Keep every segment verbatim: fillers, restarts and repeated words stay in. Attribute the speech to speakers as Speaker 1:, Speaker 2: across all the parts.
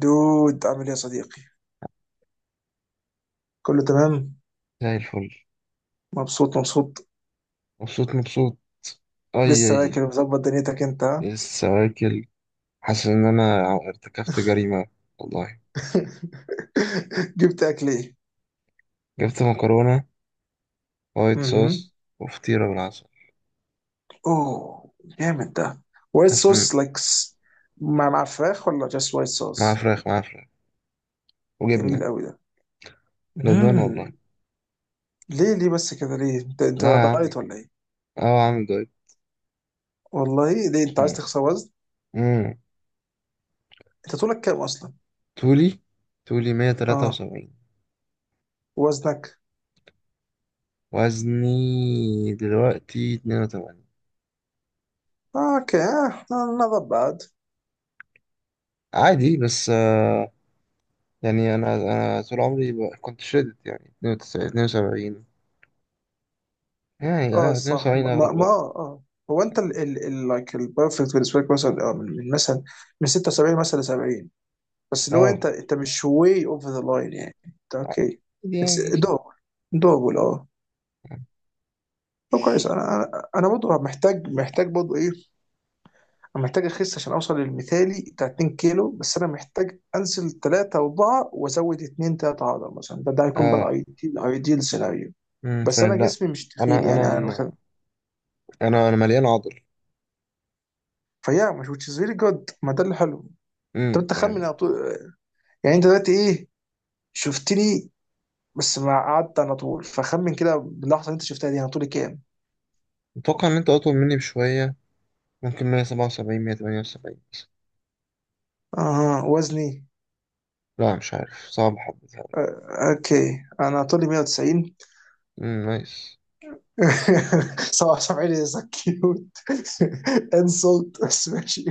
Speaker 1: دود، عامل ايه يا صديقي؟ كله تمام؟
Speaker 2: زي الفل.
Speaker 1: مبسوط مبسوط.
Speaker 2: مبسوط مبسوط. أي
Speaker 1: لسه
Speaker 2: أي.
Speaker 1: واكل ومظبط دنيتك انت ها؟
Speaker 2: لسه واكل. حاسس إن أنا ارتكبت جريمة والله.
Speaker 1: جبت اكل ايه؟
Speaker 2: جبت مكرونة وايت
Speaker 1: اها،
Speaker 2: صوص وفطيرة بالعسل.
Speaker 1: اوه، جامد ده. وايت
Speaker 2: حاسس إن.
Speaker 1: صوص لايك. مع مع فراخ ولا جاست وايت
Speaker 2: مع
Speaker 1: صوص؟
Speaker 2: فراخ مع فراخ
Speaker 1: جميل
Speaker 2: وجبنة.
Speaker 1: قوي ده.
Speaker 2: ندمان والله.
Speaker 1: مم. ليه ليه بس كده ليه؟ انت انت
Speaker 2: لا
Speaker 1: ولا
Speaker 2: يا عم.
Speaker 1: دايت ولا ايه؟
Speaker 2: أه عامل دايت.
Speaker 1: والله ليه، انت عايز
Speaker 2: مم.
Speaker 1: تخسر وزن؟
Speaker 2: مم.
Speaker 1: انت طولك كام اصلا؟
Speaker 2: طولي طولي مية تلاتة
Speaker 1: اه.
Speaker 2: وسبعين
Speaker 1: وزنك؟
Speaker 2: وزني دلوقتي اتنين وتمانين.
Speaker 1: آه، اوكي، نوت باد.
Speaker 2: عادي بس آه، يعني أنا أنا طول عمري ب- كنت شدت يعني اتنين وتسعين اتنين وسبعين. يعني
Speaker 1: اه
Speaker 2: اه
Speaker 1: الصراحه،
Speaker 2: اتنين وسبعين
Speaker 1: ما
Speaker 2: اغلب
Speaker 1: ما ما-
Speaker 2: الوقت.
Speaker 1: اه اه هو انت ال ال ال لايك البرفكت بالنسبه لك مثلا، آه، من من مثلا من ستة وسبعين مثلا ل سبعين. بس اللي هو
Speaker 2: اه.
Speaker 1: انت انت مش واي اوفر ذا لاين، يعني انت اوكي.
Speaker 2: دي
Speaker 1: اتس
Speaker 2: يعني
Speaker 1: دوبل. دوبل، اه. طب كويس. انا انا انا برضه محتاج محتاج برضه ايه. انا محتاج اخس عشان اوصل للمثالي بتاع 2 كيلو، بس انا محتاج انزل تلاتة اربعة وازود اتنين تلاتة عضل مثلا. ده ده هيكون بقى
Speaker 2: اه
Speaker 1: الايديال الايديال سيناريو.
Speaker 2: امم
Speaker 1: بس انا
Speaker 2: فاهم لا.
Speaker 1: جسمي مش تخين،
Speaker 2: انا انا
Speaker 1: يعني انا
Speaker 2: م- انا انا مليان عضل.
Speaker 1: فيا مش which is really good. ما ده اللي حلو. طب
Speaker 2: امم
Speaker 1: انت خمن
Speaker 2: يعني.
Speaker 1: على طول. يعني انت دلوقتي ايه، شفتني، بس ما قعدت على طول، فخمن كده باللحظه اللي انت شفتها دي، انا طولي كام؟
Speaker 2: متوقع ان انت اطول مني بشويه، ممكن مية سبعة وسبعين مية تمانية وسبعين.
Speaker 1: اه، وزني.
Speaker 2: لا مش عارف، صعب حبة يعني.
Speaker 1: آه اوكي، انا طولي مية وتسعين.
Speaker 2: امم، نايس.
Speaker 1: سبعة وسبعين از كيوت. انسلت بس ماشي.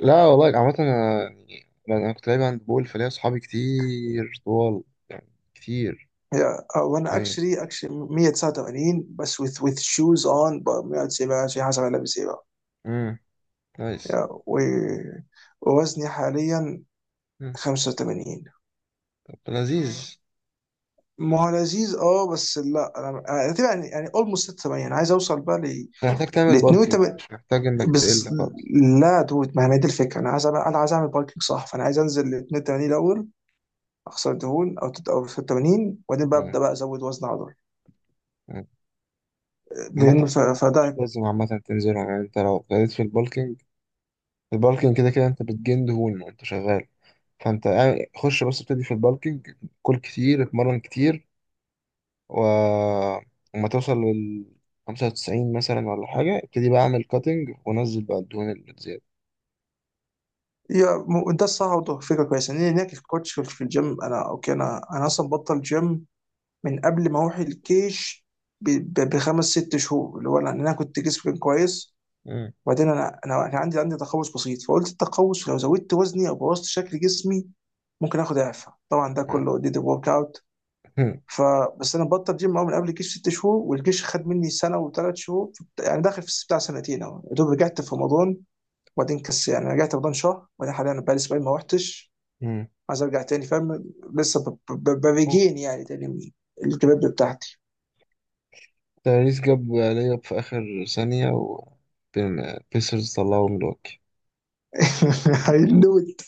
Speaker 2: لا والله، عامة انا يعني انا أنا كنت لعيب هاند بول، فليا صحابي كتير طوال. يعني كتير
Speaker 1: يا، آه، وانا
Speaker 2: يعني.
Speaker 1: اكشلي اكشلي مية تسعة وتمانين، بس with with shoes on ب- مية وتسعين بقى، شيء حسب انا لابس ايه بقى.
Speaker 2: امم، نايس.
Speaker 1: يا و- ووزني حاليا
Speaker 2: امم
Speaker 1: خمسة وتمانين.
Speaker 2: طب لذيذ.
Speaker 1: ما هو لذيذ اه، بس لا انا، أنا تبقى يعني يعني اولموست ستة وتمانين. انا عايز اوصل بقى ل،
Speaker 2: انت محتاج تعمل
Speaker 1: ل
Speaker 2: بالكينج،
Speaker 1: اتنين وتمانين
Speaker 2: مش محتاج انك
Speaker 1: بس.
Speaker 2: تقل خالص.
Speaker 1: لا دود، ما هي دي الفكره. انا عايز اعمل، انا عايز اعمل باركينج صح، فانا عايز انزل ل اتنين وتمانين الاول. اخسر دهون، او تت- او ستة وتمانين، وبعدين بقى ابدا
Speaker 2: امم.
Speaker 1: بقى ازود وزن عضلي،
Speaker 2: أمم. عامة
Speaker 1: لان ف- فده.
Speaker 2: لازم عامة تنزلها، يعني انت لو ابتديت في البالكينج. البالكينج كده كده انت بتجن دهون وانت شغال. فانت قاعد- خش بس ابتدي في البالكينج. كل كتير، اتمرن كتير. و... وما توصل لل خمسة وتسعين مثلا ولا حاجة، ابتدي بقى اعمل كاتنج ونزل بقى الدهون اللي تزيادة.
Speaker 1: يا م- ده الصح، وده فكره كويسه ان هناك في كوتش في الجيم. انا اوكي، انا انا اصلا بطل جيم من قبل ما اروح الكيش ب- ب- بخمس ست شهور، اللي هو لأن انا كنت جسمي كان كويس.
Speaker 2: مم.
Speaker 1: وبعدين انا انا كان عندي عندي تقوس بسيط، فقلت التقوس لو زودت وزني او بوظت شكل جسمي ممكن اخد اعفاء. طبعا ده كله ديد ورك اوت.
Speaker 2: مم.
Speaker 1: فبس انا بطل جيم أهو من قبل الجيش ست شهور، والجيش خد مني سنه وثلاث شهور. يعني داخل في بتاع سنتين اهو، يا دوب رجعت في رمضان، وبعدين كس يعني رجعت رمضان شهر، وبعدين حاليا بقالي اسبوعين ما رحتش.
Speaker 2: مم.
Speaker 1: عايز ارجع تاني، فاهم، لسه ب- ب- ب-
Speaker 2: أوف.
Speaker 1: بريجين يعني تاني من الكباب بتاعتي.
Speaker 2: تاريس جاب لياب في آخر ثانية و بيسرز طلعوا ملواكي.
Speaker 1: I knew it.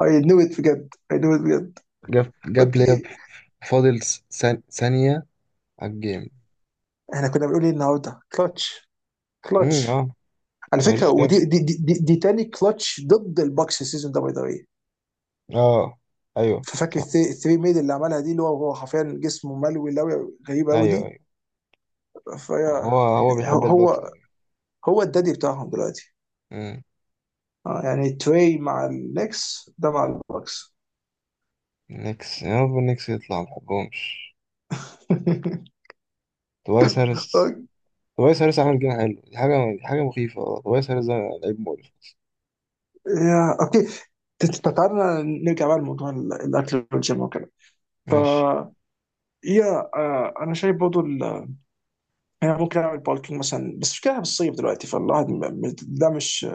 Speaker 1: I knew it بجد. I knew it بجد.
Speaker 2: جاب جاب لياب.
Speaker 1: اوكي.
Speaker 2: فاضل س- ثانية على الجيم.
Speaker 1: احنا كنا بنقول ايه النهارده؟ كلتش،
Speaker 2: امم
Speaker 1: كلتش.
Speaker 2: اه
Speaker 1: على فكره
Speaker 2: تاريس جاب.
Speaker 1: ودي دي دي, دي, دي تاني كلتش ضد الباكس السيزون ده باي ذا واي.
Speaker 2: اه ايوه
Speaker 1: ففاكر
Speaker 2: صح.
Speaker 1: الثري الثري ميد اللي عملها دي، اللي هو هو حرفيا جسمه ملوي لوي غريب قوي
Speaker 2: ايوه
Speaker 1: دي.
Speaker 2: ايوه.
Speaker 1: فهي،
Speaker 2: هو هو بيحب البوكس
Speaker 1: هو
Speaker 2: أوي.
Speaker 1: هو الدادي بتاعهم دلوقتي.
Speaker 2: مم.
Speaker 1: اه يعني تري مع النكس، ده مع الباكس.
Speaker 2: نيكس، يا رب النكس يطلع، ما بحبهمش. توايس هاريس.
Speaker 1: أوك-
Speaker 2: توايس هاريس عامل جيم حلو. دي حاجة، دي حاجة مخيفة والله. توايس هاريس ده لعيب مقرف.
Speaker 1: يا اوكي، ت- ت- تعالى نرجع بقى لموضوع ال- الاكل والجيم وكده. ف،
Speaker 2: ماشي.
Speaker 1: يا، آه، انا شايف برضه، ال- يعني ممكن اعمل بالكينج مثلا، بس مش كده في الصيف دلوقتي، فالواحد م- م- ده مش،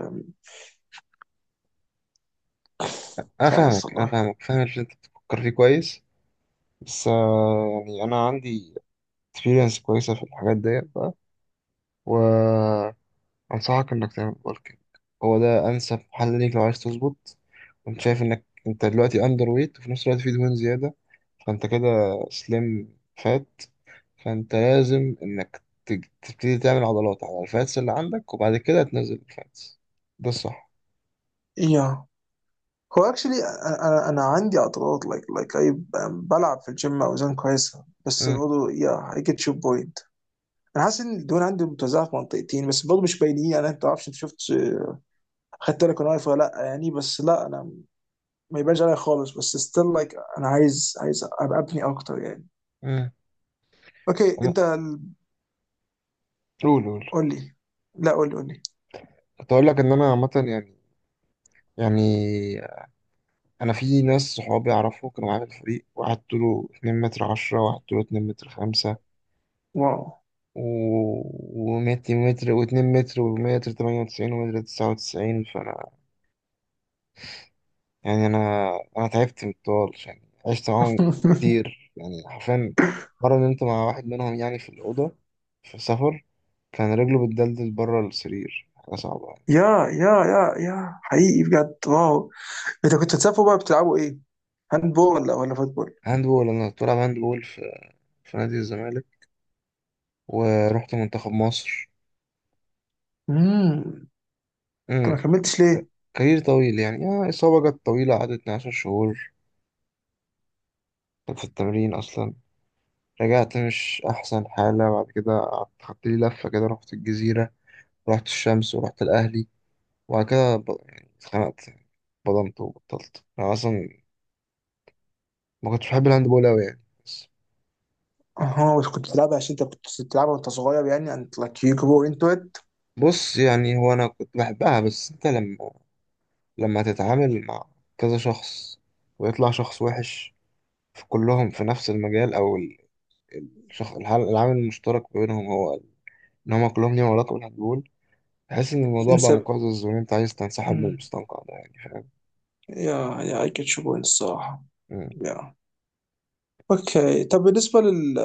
Speaker 2: أنا
Speaker 1: مش عارف
Speaker 2: فاهمك أنا
Speaker 1: والله.
Speaker 2: فاهمك، فاهم اللي أنت بتفكر فيه كويس. بس آه، يعني أنا عندي experience كويسة في الحاجات ديت بقى، و أنصحك إنك تعمل بالكينج. هو ده أنسب حل ليك لو عايز تظبط. وأنت شايف إنك أنت دلوقتي أندر ويت، وفي نفس الوقت في دهون زيادة. فأنت كده سليم فات. فأنت لازم إنك تج- تبتدي تعمل عضلات على الفاتس اللي عندك، وبعد كده تنزل الفاتس. ده الصح.
Speaker 1: يا، هو اكشلي، انا انا عندي اعتراض لايك لايك اي. بلعب في الجيم اوزان كويسه، بس
Speaker 2: أمم.
Speaker 1: برضه يا اي جيت يور بوينت. انا حاسس ان الدهون عندي متوزعه في منطقتين، بس برضه مش باينين، يعني انت تعرفش، انت شفت، خدت بالك انا واقف ولا لا يعني، بس لا انا ما يبانش عليا خالص، بس ستيل لايك انا عايز عايز ابقى ابني اكتر يعني.
Speaker 2: أمم.
Speaker 1: اوكي
Speaker 2: أما-
Speaker 1: انت ال-
Speaker 2: قول قول.
Speaker 1: قول لي. لا قول لي، قول لي.
Speaker 2: كنت أقول لك إن أنا عامة يعني يعني أنا في ناس صحابي أعرفه كانوا معايا في الفريق، واحد طوله اتنين متر عشرة، واحد طوله اتنين متر خمسة.
Speaker 1: واو
Speaker 2: و... ومتر متر واتنين متر ومتر تمانية وتسعين ومتر تسعة وتسعين، فأنا. يعني أنا أنا تعبت من الطوال، يعني عشت معاهم كتير يعني، حرفيا. مرة نمت مع واحد منهم يعني، في الأوضة، في سفر. كان رجله بتدلدل بره السرير، حاجة صعبة يعني.
Speaker 1: يا يا يا يا حقيقي بجد واو. انت كنت بتسافروا بقى بتلعبوا ايه؟ هاند بول ولا ولا فوتبول؟
Speaker 2: هاند بول. أنا كنت بلعب هاند بول في... في نادي الزمالك. ورحت منتخب مصر.
Speaker 1: امم. انت ما
Speaker 2: امم.
Speaker 1: كملتش ليه؟
Speaker 2: كارير طويل يعني، آه إصابة جت طويلة، قعدت اثنا عشر شهور. كنت في التمرين أصلا. رجعت مش أحسن حالة، بعد كده قعدت خدت لي لفة كده، رحت الجزيرة. رحت الشمس ورحت الأهلي. وبعد كده ب... يعني اتخنقت. بضمت وبطلت أنا أصلا. ما كنتش بحب الهاند بول أوي يعني، بس.
Speaker 1: اها، بس كنت بتلعبها عشان انت كنت بتلعبها وانت صغير، يعني انت لايك يو جرو انتو ات.
Speaker 2: بص يعني، هو أنا كنت بحبها، بس أنت لما لما تتعامل مع كذا شخص، ويطلع شخص وحش في كلهم، في نفس المجال، أو الشخص الحل... العامل المشترك بينهم، هو إن هما كلهم ليهم علاقة بالهاند بول، تحس إن الموضوع بقى
Speaker 1: تنسى.
Speaker 2: مقزز، وإن أنت عايز تنسحب من
Speaker 1: امم.
Speaker 2: المستنقع ده يعني.
Speaker 1: يا، يا اي جيت يو بوينت الصراحه.
Speaker 2: فاهم.
Speaker 1: يا اوكي، طب بالنسبه لل،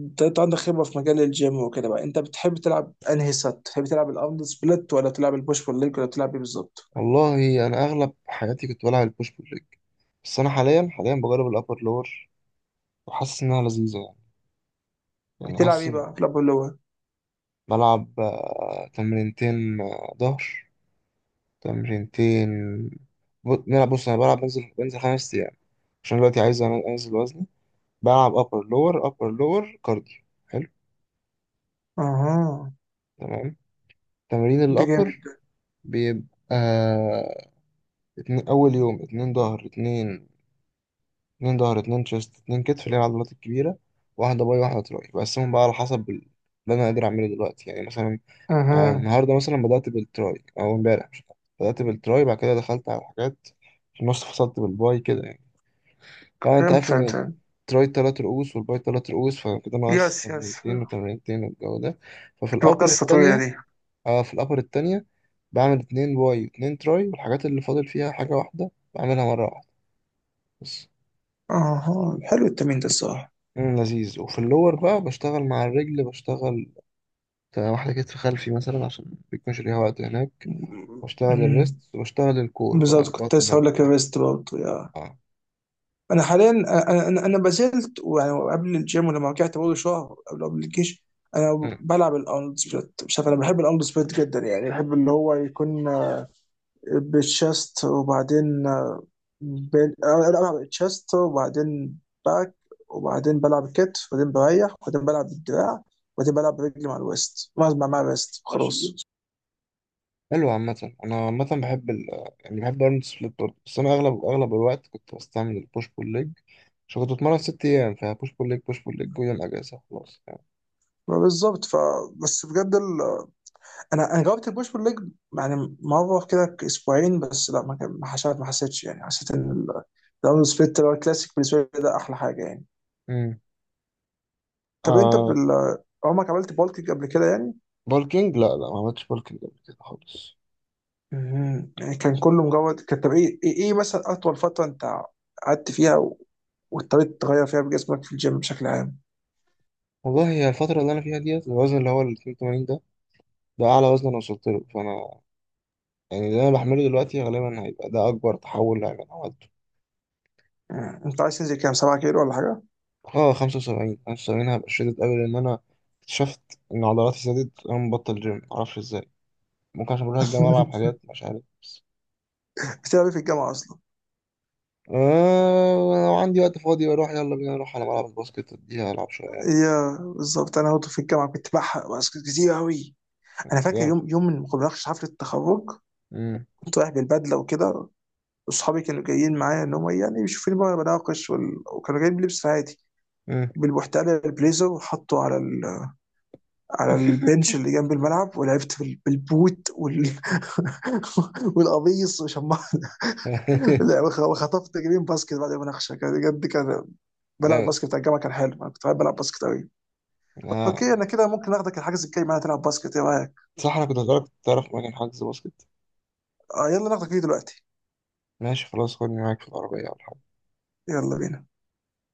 Speaker 1: انت أنت عندك خبره في مجال الجيم وكده بقى، انت بتحب تلعب انهي سات؟ بتحب تلعب الارنولد سبليت، ولا تلعب البوش بول ليج، ولا تلعب ايه بالظبط؟
Speaker 2: والله انا اغلب حياتي كنت بلعب البوش بول ليج. بس انا حاليا حاليا بجرب الابر لور. وحاسس انها لذيذه يعني. يعني
Speaker 1: بتلعب
Speaker 2: حاسس
Speaker 1: ايه
Speaker 2: إن.
Speaker 1: بقى؟ بتلعب اللي هو،
Speaker 2: بلعب آه، تمرينتين، آه، ظهر. تمرينتين ب- نلعب. بص انا بلعب، بنزل بنزل خمس ايام عشان دلوقتي عايز أن- انزل وزني. بلعب ابر لور، ابر لور كارديو. حلو.
Speaker 1: اها،
Speaker 2: تمام. تمرين
Speaker 1: ده جامد
Speaker 2: الابر
Speaker 1: ده.
Speaker 2: بيبقى اتنين اول يوم، اتنين ظهر اتنين، اتنين ظهر اتنين شيست، اتنين كتف، اللي هي العضلات الكبيرة. واحدة باي واحدة تراي، بقسمهم بقى على حسب ال- اللي أنا قادر أعمله دلوقتي، يعني مثلا آه،
Speaker 1: اها،
Speaker 2: النهاردة مثلا بدأت بالتراي أو امبارح، مش عارف. بدأت بالتراي، بعد كده دخلت على الحاجات، في النص فصلت بالباي كده يعني. طبعا أنت
Speaker 1: فهمت فهمت
Speaker 2: عارف إن
Speaker 1: فهمت.
Speaker 2: التراي تلات رؤوس والباي تلات رؤوس، فكده ناقص
Speaker 1: يس يس.
Speaker 2: تمرينتين وتمرينتين، والجو ده. ففي
Speaker 1: تبقى
Speaker 2: الأبر
Speaker 1: قصة طويلة
Speaker 2: التانية
Speaker 1: دي.
Speaker 2: اه في الأبر التانية بعمل اتنين باي واتنين تراي، والحاجات اللي فاضل فيها، حاجة واحدة بعملها مرة واحدة بس.
Speaker 1: اها، حلو التمرين ده الصراحة.
Speaker 2: مم، لذيذ. وفي اللور بقى بشتغل مع الرجل، بشتغل بتاع واحدة كتف خلفي مثلا، عشان بيكون ليها وقت هناك. بشتغل الريست،
Speaker 1: أمم،
Speaker 2: وبشتغل الكور بقى،
Speaker 1: بالظبط، كنت
Speaker 2: البطن
Speaker 1: لسه هقول لك
Speaker 2: والظهر.
Speaker 1: الريست برضه، يا
Speaker 2: اه.
Speaker 1: انا حاليا، انا انا أنا ما زلت، ويعني قبل الجيم ولما رجعت برضه شهر قبل قبل الجيش انا
Speaker 2: مم.
Speaker 1: بلعب الارنولد سبليت. مش عارف، انا بحب الارنولد سبليت جدا، يعني بحب اللي هو يكون بالشست وبعدين بال... أنا بلعب التشست وبعدين باك، وبعدين بلعب كتف، وبعدين بريح، وبعدين بلعب بالدراع، وبعدين بلعب برجلي مع الويست، مع مع الويست خلاص.
Speaker 2: حلو. عامة أنا عامة بحب ال آه، يعني بحب أرنولد سبليت برضه، بس أنا أغلب أغلب الوقت كنت بستعمل البوش بول ليج. عشان كنت بتمرن ست أيام، فبوش بول ليج بوش بول ليج، ويوم أجازة خلاص يعني.
Speaker 1: ما بالظبط، ف، بس بجد ال... انا انا جربت البوش بول ليج يعني مره كده، ك- اسبوعين بس، لا ما كان- ما حسيت، ما حسيتش يعني، حسيت ان ال- الداون سبليت اللي هو الكلاسيك بالنسبه لي ده احلى حاجه يعني.
Speaker 2: مم.
Speaker 1: طب انت
Speaker 2: آه.
Speaker 1: بال... عمرك عملت بالكيك قبل كده يعني؟
Speaker 2: بولكينج، لا لا، ما عملتش بولكينج قبل كده خالص.
Speaker 1: مهم. يعني كان كله مجرد كان. طب ايه، ايه إيه مثلا اطول فتره انت قعدت فيها و- واضطريت تغير فيها بجسمك في الجيم بشكل عام؟
Speaker 2: والله هي الفترة اللي أنا فيها ديت، الوزن اللي هو ال اتنين وتمانين ده، ده أعلى وزن أنا وصلت له. فأنا يعني اللي أنا بعمله دلوقتي غالبا هيبقى ده أكبر تحول هيبقى أنا عملته.
Speaker 1: مم. انت عايز تنزل كام، 7 كيلو ولا حاجه؟
Speaker 2: اه خمسة وسبعين، خمسة وسبعين هبقى شديد أوي، لأن أنا اكتشفت إن عضلاتي زادت وأنا مبطل جيم، معرفش إزاي. ممكن عشان بروح الجامعة ألعب حاجات، مش عارف، بس.
Speaker 1: بتلعب إيه في الجامعه اصلا؟
Speaker 2: آه لو عندي وقت فاضي بروح، يلا بينا نروح على ملعب الباسكت، أديها ألعب شوية.
Speaker 1: يا بالظبط، انا برضه في الجامعه كنت بحرق بس كتير قوي. انا فاكر
Speaker 2: جامد.
Speaker 1: يوم يوم من مقابلات حفله التخرج
Speaker 2: مم.
Speaker 1: كنت رايح بالبدله وكده، واصحابي كانوا جايين معايا ان هم يعني يشوفوني بقى بناقش، وال... وكانوا جايين بلبس عادي
Speaker 2: مم.
Speaker 1: بالبحتال البليزر، وحطه على ال... على البنش اللي جنب الملعب، ولعبت بال... بالبوت وال... والقميص، وشمعت لا وخ- وخطفت جرين باسكت بعد المناقشه. كان بجد كان بلعب
Speaker 2: جامد.
Speaker 1: باسكت بتاع الجامعه، كان حلو. انا كنت بحب العب باسكت قوي. اوكي
Speaker 2: آه
Speaker 1: انا كده ممكن اخدك الحجز الجاي معايا تلعب باسكت، ايه رايك؟
Speaker 2: صح، أنا كنت هسألك، تعرف مكان حجز باسكت.
Speaker 1: آه يلا ناخدك فيه دلوقتي.
Speaker 2: ماشي خلاص، خدني معاك في العربية ولا حاجة.
Speaker 1: يلا بينا.